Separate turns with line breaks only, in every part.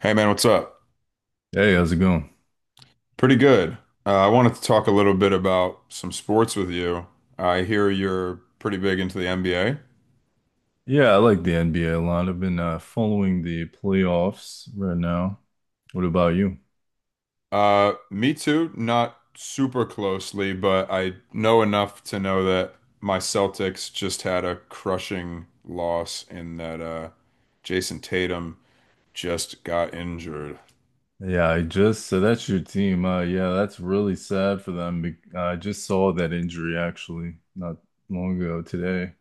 Hey man, what's up?
Hey, how's it going?
Pretty good. I wanted to talk a little bit about some sports with you. I hear you're pretty big into the NBA.
Yeah, I like the NBA a lot. I've been following the playoffs right now. What about you?
Me too, not super closely, but I know enough to know that my Celtics just had a crushing loss in that Jason Tatum just got injured.
Yeah, I just so that's your team. Yeah, that's really sad for them. Be I just saw that injury actually not long ago today.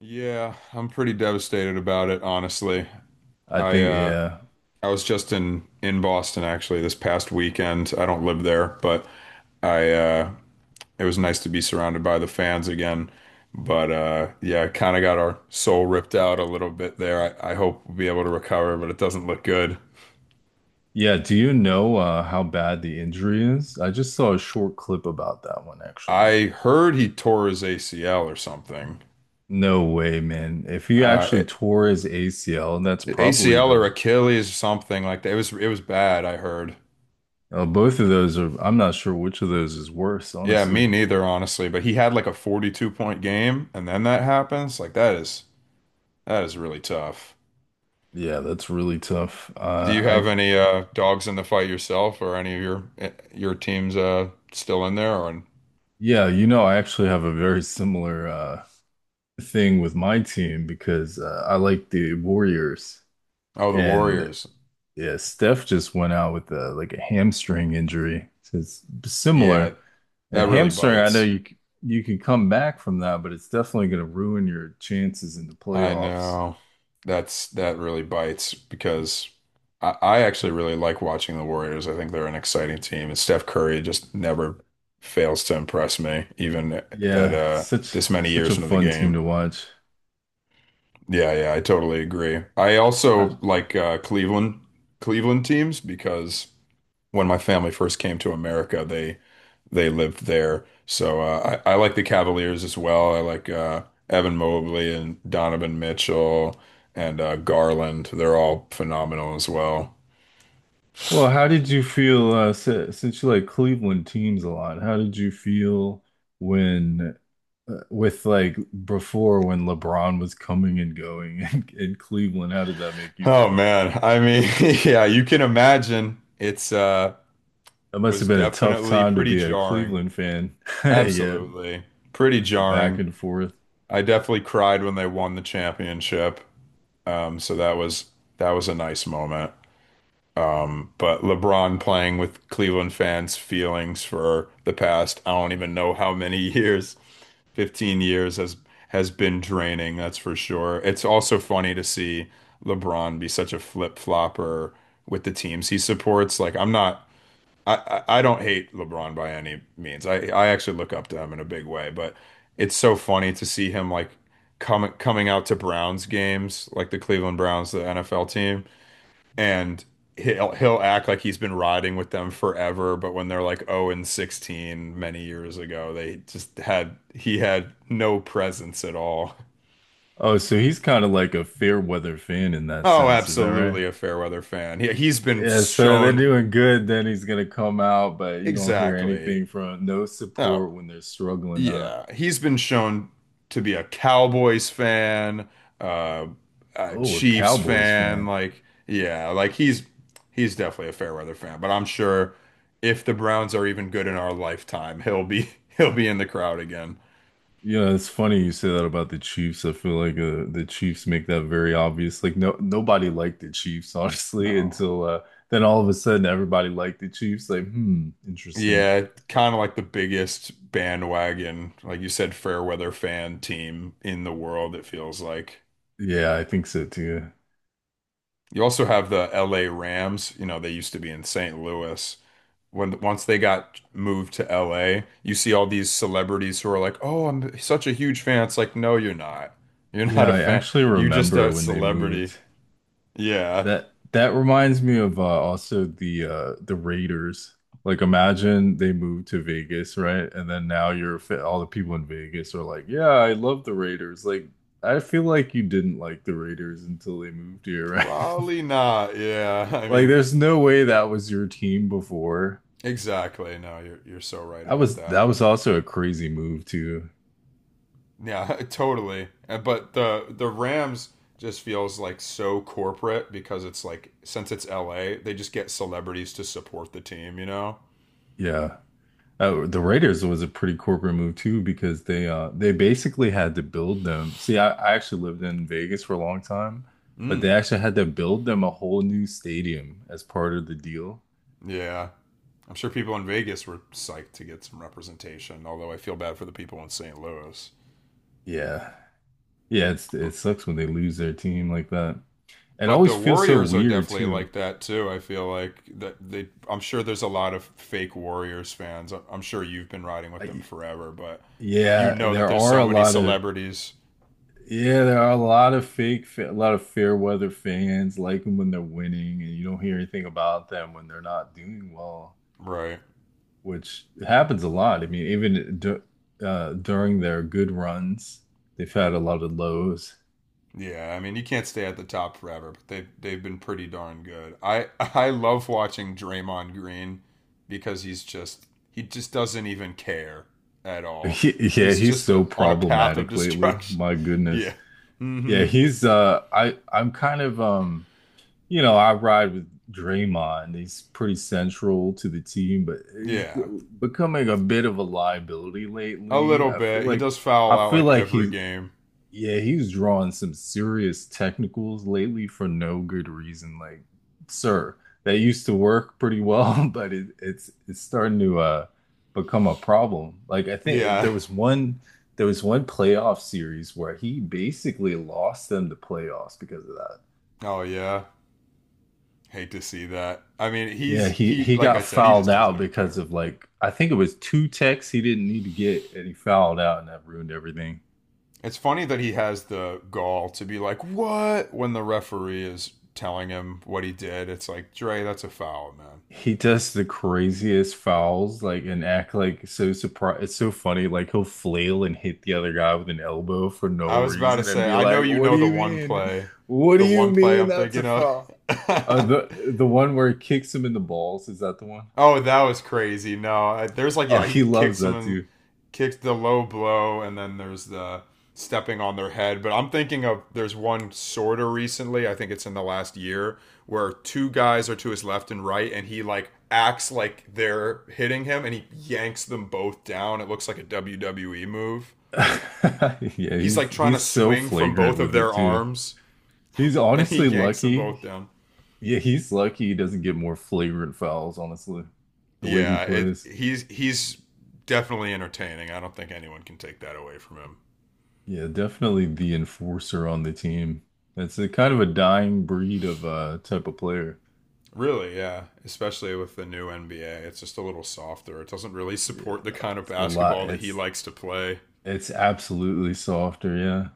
Yeah, I'm pretty devastated about it, honestly.
I
I
think
uh,
yeah,
I was just in Boston actually this past weekend. I don't live there, but I it was nice to be surrounded by the fans again. But yeah, kind of got our soul ripped out a little bit there. I hope we'll be able to recover, but it doesn't look good.
yeah. Do you know how bad the injury is? I just saw a short clip about that one actually.
I heard he tore his ACL or something.
No way, man. If he
Uh
actually
it,
tore his ACL, that's probably
ACL
the...
or Achilles or something like that. It was bad, I heard.
Oh, both of those are... I'm not sure which of those is worse,
Yeah,
honestly.
me neither, honestly, but he had like a 42 point game and then that happens. Like that is really tough.
Yeah, that's really tough.
Do you have any dogs in the fight yourself, or any of your your teams still in there? Or in…
Yeah, you know, I actually have a very similar thing with my team because I like the Warriors,
Oh, the
and
Warriors.
yeah, Steph just went out with a, like a hamstring injury. So it's
Yeah,
similar. A
that really
hamstring, I know
bites.
you c- you can come back from that, but it's definitely going to ruin your chances in the
I
playoffs.
know. That's that really bites because I actually really like watching the Warriors. I think they're an exciting team, and Steph Curry just never fails to impress me, even at
Yeah, such
this many
such
years
a
into the
fun team
game.
to watch.
Yeah, yeah, I totally agree. I
I,
also like Cleveland teams because when my family first came to America, they lived there. So I like the Cavaliers as well. I like Evan Mobley and Donovan Mitchell and Garland. They're all phenomenal as well.
Well, how did you feel since you like Cleveland teams a lot? How did you feel when, with like before when LeBron was coming and going in Cleveland? How did that make you
Oh
feel?
man, I mean, yeah, you can imagine it's
That must
was
have been a tough
definitely
time to
pretty
be a
jarring.
Cleveland fan. Yeah,
Absolutely. Pretty
the back
jarring.
and forth.
I definitely cried when they won the championship. So that was a nice moment. But LeBron playing with Cleveland fans' feelings for the past, I don't even know how many years, 15 years has been draining, that's for sure. It's also funny to see LeBron be such a flip-flopper with the teams he supports. Like I'm not I, I don't hate LeBron by any means. I actually look up to him in a big way, but it's so funny to see him like coming out to Browns games, like the Cleveland Browns, the NFL team, and he'll act like he's been riding with them forever, but when they're like 0 and 16 many years ago, they just had he had no presence at all.
Oh, so he's kind of like a fair weather fan in that
Oh,
sense. Is that
absolutely
right?
a Fairweather fan. He's been
Yeah, so they're
shown
doing good. Then he's gonna come out, but you don't hear
exactly.
anything from no
Oh,
support when they're struggling, huh?
Yeah, he's been shown to be a Cowboys fan, uh, a
Oh, a
Chiefs
Cowboys
fan.
fan.
Like, yeah, like he's definitely a fair weather fan. But I'm sure if the Browns are even good in our lifetime, he'll be he'll be in the crowd again.
Yeah, it's funny you say that about the Chiefs. I feel like the Chiefs make that very obvious. Like no nobody liked the Chiefs, honestly,
No,
until then all of a sudden everybody liked the Chiefs. Like, hmm, interesting.
yeah, kind of like the biggest bandwagon, like you said, fair weather fan team in the world. It feels like.
Yeah, I think so too.
You also have the LA Rams. You know, they used to be in St. Louis. When Once they got moved to LA, you see all these celebrities who are like, "Oh, I'm such a huge fan." It's like, "No, you're not. You're not
Yeah,
a
I
fan.
actually
You're just
remember
a
when they
celebrity."
moved.
Yeah.
That reminds me of also the Raiders. Like imagine they moved to Vegas, right? And then now all the people in Vegas are like, "Yeah, I love the Raiders." Like I feel like you didn't like the Raiders until they moved here, right?
Probably not. Yeah. I
Like
mean,
there's no way that was your team before.
exactly. No, you're so right
That
about
was that
that.
was also a crazy move too.
Yeah, totally. But the Rams just feels like so corporate because it's like since it's LA, they just get celebrities to support the team, you know?
Yeah. The Raiders was a pretty corporate move too because they basically had to build them. See, I actually lived in Vegas for a long time, but they
Mm.
actually had to build them a whole new stadium as part of the deal.
Yeah. I'm sure people in Vegas were psyched to get some representation, although I feel bad for the people in St. Louis.
Yeah. Yeah, it
But
sucks when they lose their team like that. It
but
always
the
feels so
Warriors are
weird
definitely
too.
like that too. I feel like that they I'm sure there's a lot of fake Warriors fans. I'm sure you've been riding with them
I,
forever, but you
yeah,
know that
there
there's
are
so
a
many
lot of
celebrities.
Yeah, there are a lot of a lot of fair weather fans like them when they're winning, and you don't hear anything about them when they're not doing well.
Right.
Which happens a lot. I mean, even d during their good runs, they've had a lot of lows.
Yeah, I mean you can't stay at the top forever, but they've been pretty darn good. I love watching Draymond Green because he just doesn't even care at all.
Yeah,
He's
he's
just a,
so
on a path of
problematic lately.
destruction.
My goodness.
yeah.
Yeah,
Mm-hmm.
he's I I'm kind of you know, I ride with Draymond. He's pretty central to the team, but
Yeah.
becoming a bit of a liability
A
lately.
little bit. He does
I
foul out
feel
like
like
every
he's
game.
Yeah, he's drawing some serious technicals lately for no good reason. Like, sir, that used to work pretty well, but it's starting to become a problem. Like, I think
Yeah.
there was one playoff series where he basically lost them the playoffs because of that.
Oh yeah. Hate to see that. I mean,
Yeah,
he's
he
he
he
like I
got
said, he
fouled
just doesn't
out
even
because
care.
of like I think it was two techs he didn't need to get, and he fouled out, and that ruined everything.
It's funny that he has the gall to be like, "What?" when the referee is telling him what he did. It's like, "Dre, that's a foul, man."
He does the craziest fouls, like, and act like so surprised. It's so funny. Like, he'll flail and hit the other guy with an elbow for no
I was about to
reason and
say,
be
I know
like,
you
"What
know
do you mean? What
the
do you
one play
mean
I'm
that's a
thinking of.
foul?" Uh, the the one where he kicks him in the balls, is that the one?
Oh, that was crazy. No, I- There's like
Oh,
yeah, he
he loves
kicks him
that
and
too.
kicks the low blow, and then there's the stepping on their head. But I'm thinking of there's one sort of recently. I think it's in the last year where two guys are to his left and right, and he like acts like they're hitting him, and he yanks them both down. It looks like a WWE move.
Yeah,
He's like
he's
trying to
he's so
swing from
flagrant
both of
with
their
it too.
arms,
He's
and he
honestly
yanks them both
lucky.
down.
Yeah, he's lucky he doesn't get more flagrant fouls, honestly, the way he
Yeah, it,
plays.
he's definitely entertaining. I don't think anyone can take that away from him.
Yeah, definitely the enforcer on the team. It's a kind of a dying breed of type of player.
Really, yeah. Especially with the new NBA, it's just a little softer. It doesn't really
Yeah,
support the kind of
it's a lot.
basketball that he
It's
likes to play.
it's absolutely softer, yeah.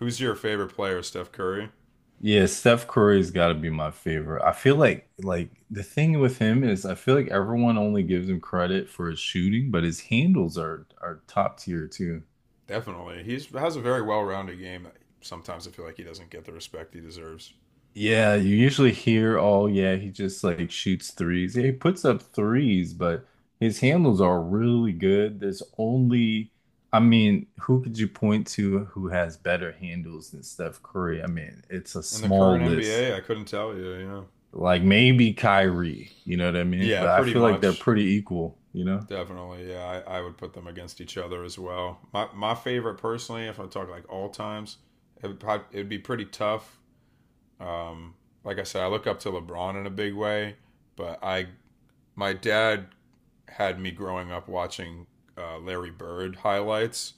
Who's your favorite player, Steph Curry?
Yeah, Steph Curry's got to be my favorite. I feel like the thing with him is I feel like everyone only gives him credit for his shooting, but his handles are top tier too.
Definitely. He has a very well-rounded game. Sometimes I feel like he doesn't get the respect he deserves.
Yeah, you usually hear, oh yeah, he just like shoots threes. Yeah, he puts up threes, but his handles are really good. There's only, I mean, who could you point to who has better handles than Steph Curry? I mean, it's a
In the current
small list.
NBA, I couldn't tell you, you know.
Like maybe Kyrie, you know what I mean?
Yeah,
But I
pretty
feel like they're
much.
pretty equal, you know?
Definitely, yeah. I would put them against each other as well. My favorite personally, if I talk like all times, it'd be pretty tough. Um, like I said, I look up to LeBron in a big way, but I my dad had me growing up watching Larry Bird highlights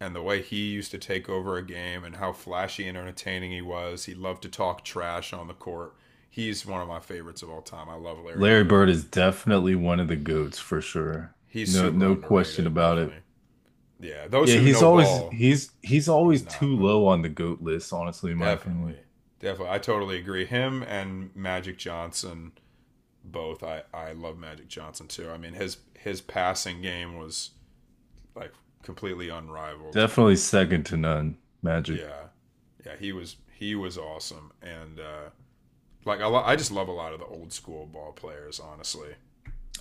and the way he used to take over a game and how flashy and entertaining he was. He loved to talk trash on the court. He's one of my favorites of all time. I love Larry
Larry
Bird.
Bird is definitely one of the goats for sure.
He's
No,
super
no question
underrated,
about it.
definitely. Yeah, those
Yeah,
who
he's
know
always
ball
he's he's
he's
always
not,
too
but
low on the GOAT list, honestly, in my
definitely,
opinion.
definitely, I totally agree. Him and Magic Johnson both. I love Magic Johnson too. I mean his passing game was like completely unrivaled.
Definitely second to none, Magic.
Yeah, yeah, he was awesome, and I just love a lot of the old school ball players, honestly.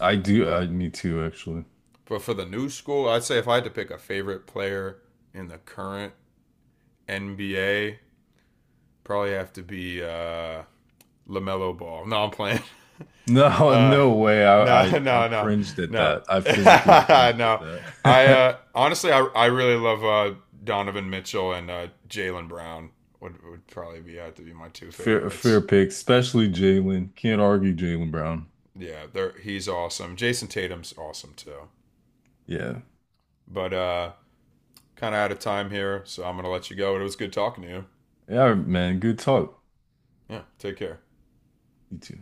I do
But
I me too actually.
but for the new school, I'd say if I had to pick a favorite player in the current NBA, probably have to be Lamelo Ball. No, I'm playing.
No,
Uh,
no way.
no,
I
no, no,
cringed at
no,
that. I physically cringed at
no. I
that.
honestly, I really love Donovan Mitchell and Jalen Brown would probably be have to be my two
Fair
favorites.
pick, especially Jalen. Can't argue Jalen Brown.
He's awesome. Jason Tatum's awesome too.
Yeah.
But kind of out of time here, so I'm gonna let you go. It was good talking to you.
Yeah, man, good talk.
Yeah, take care.
You too.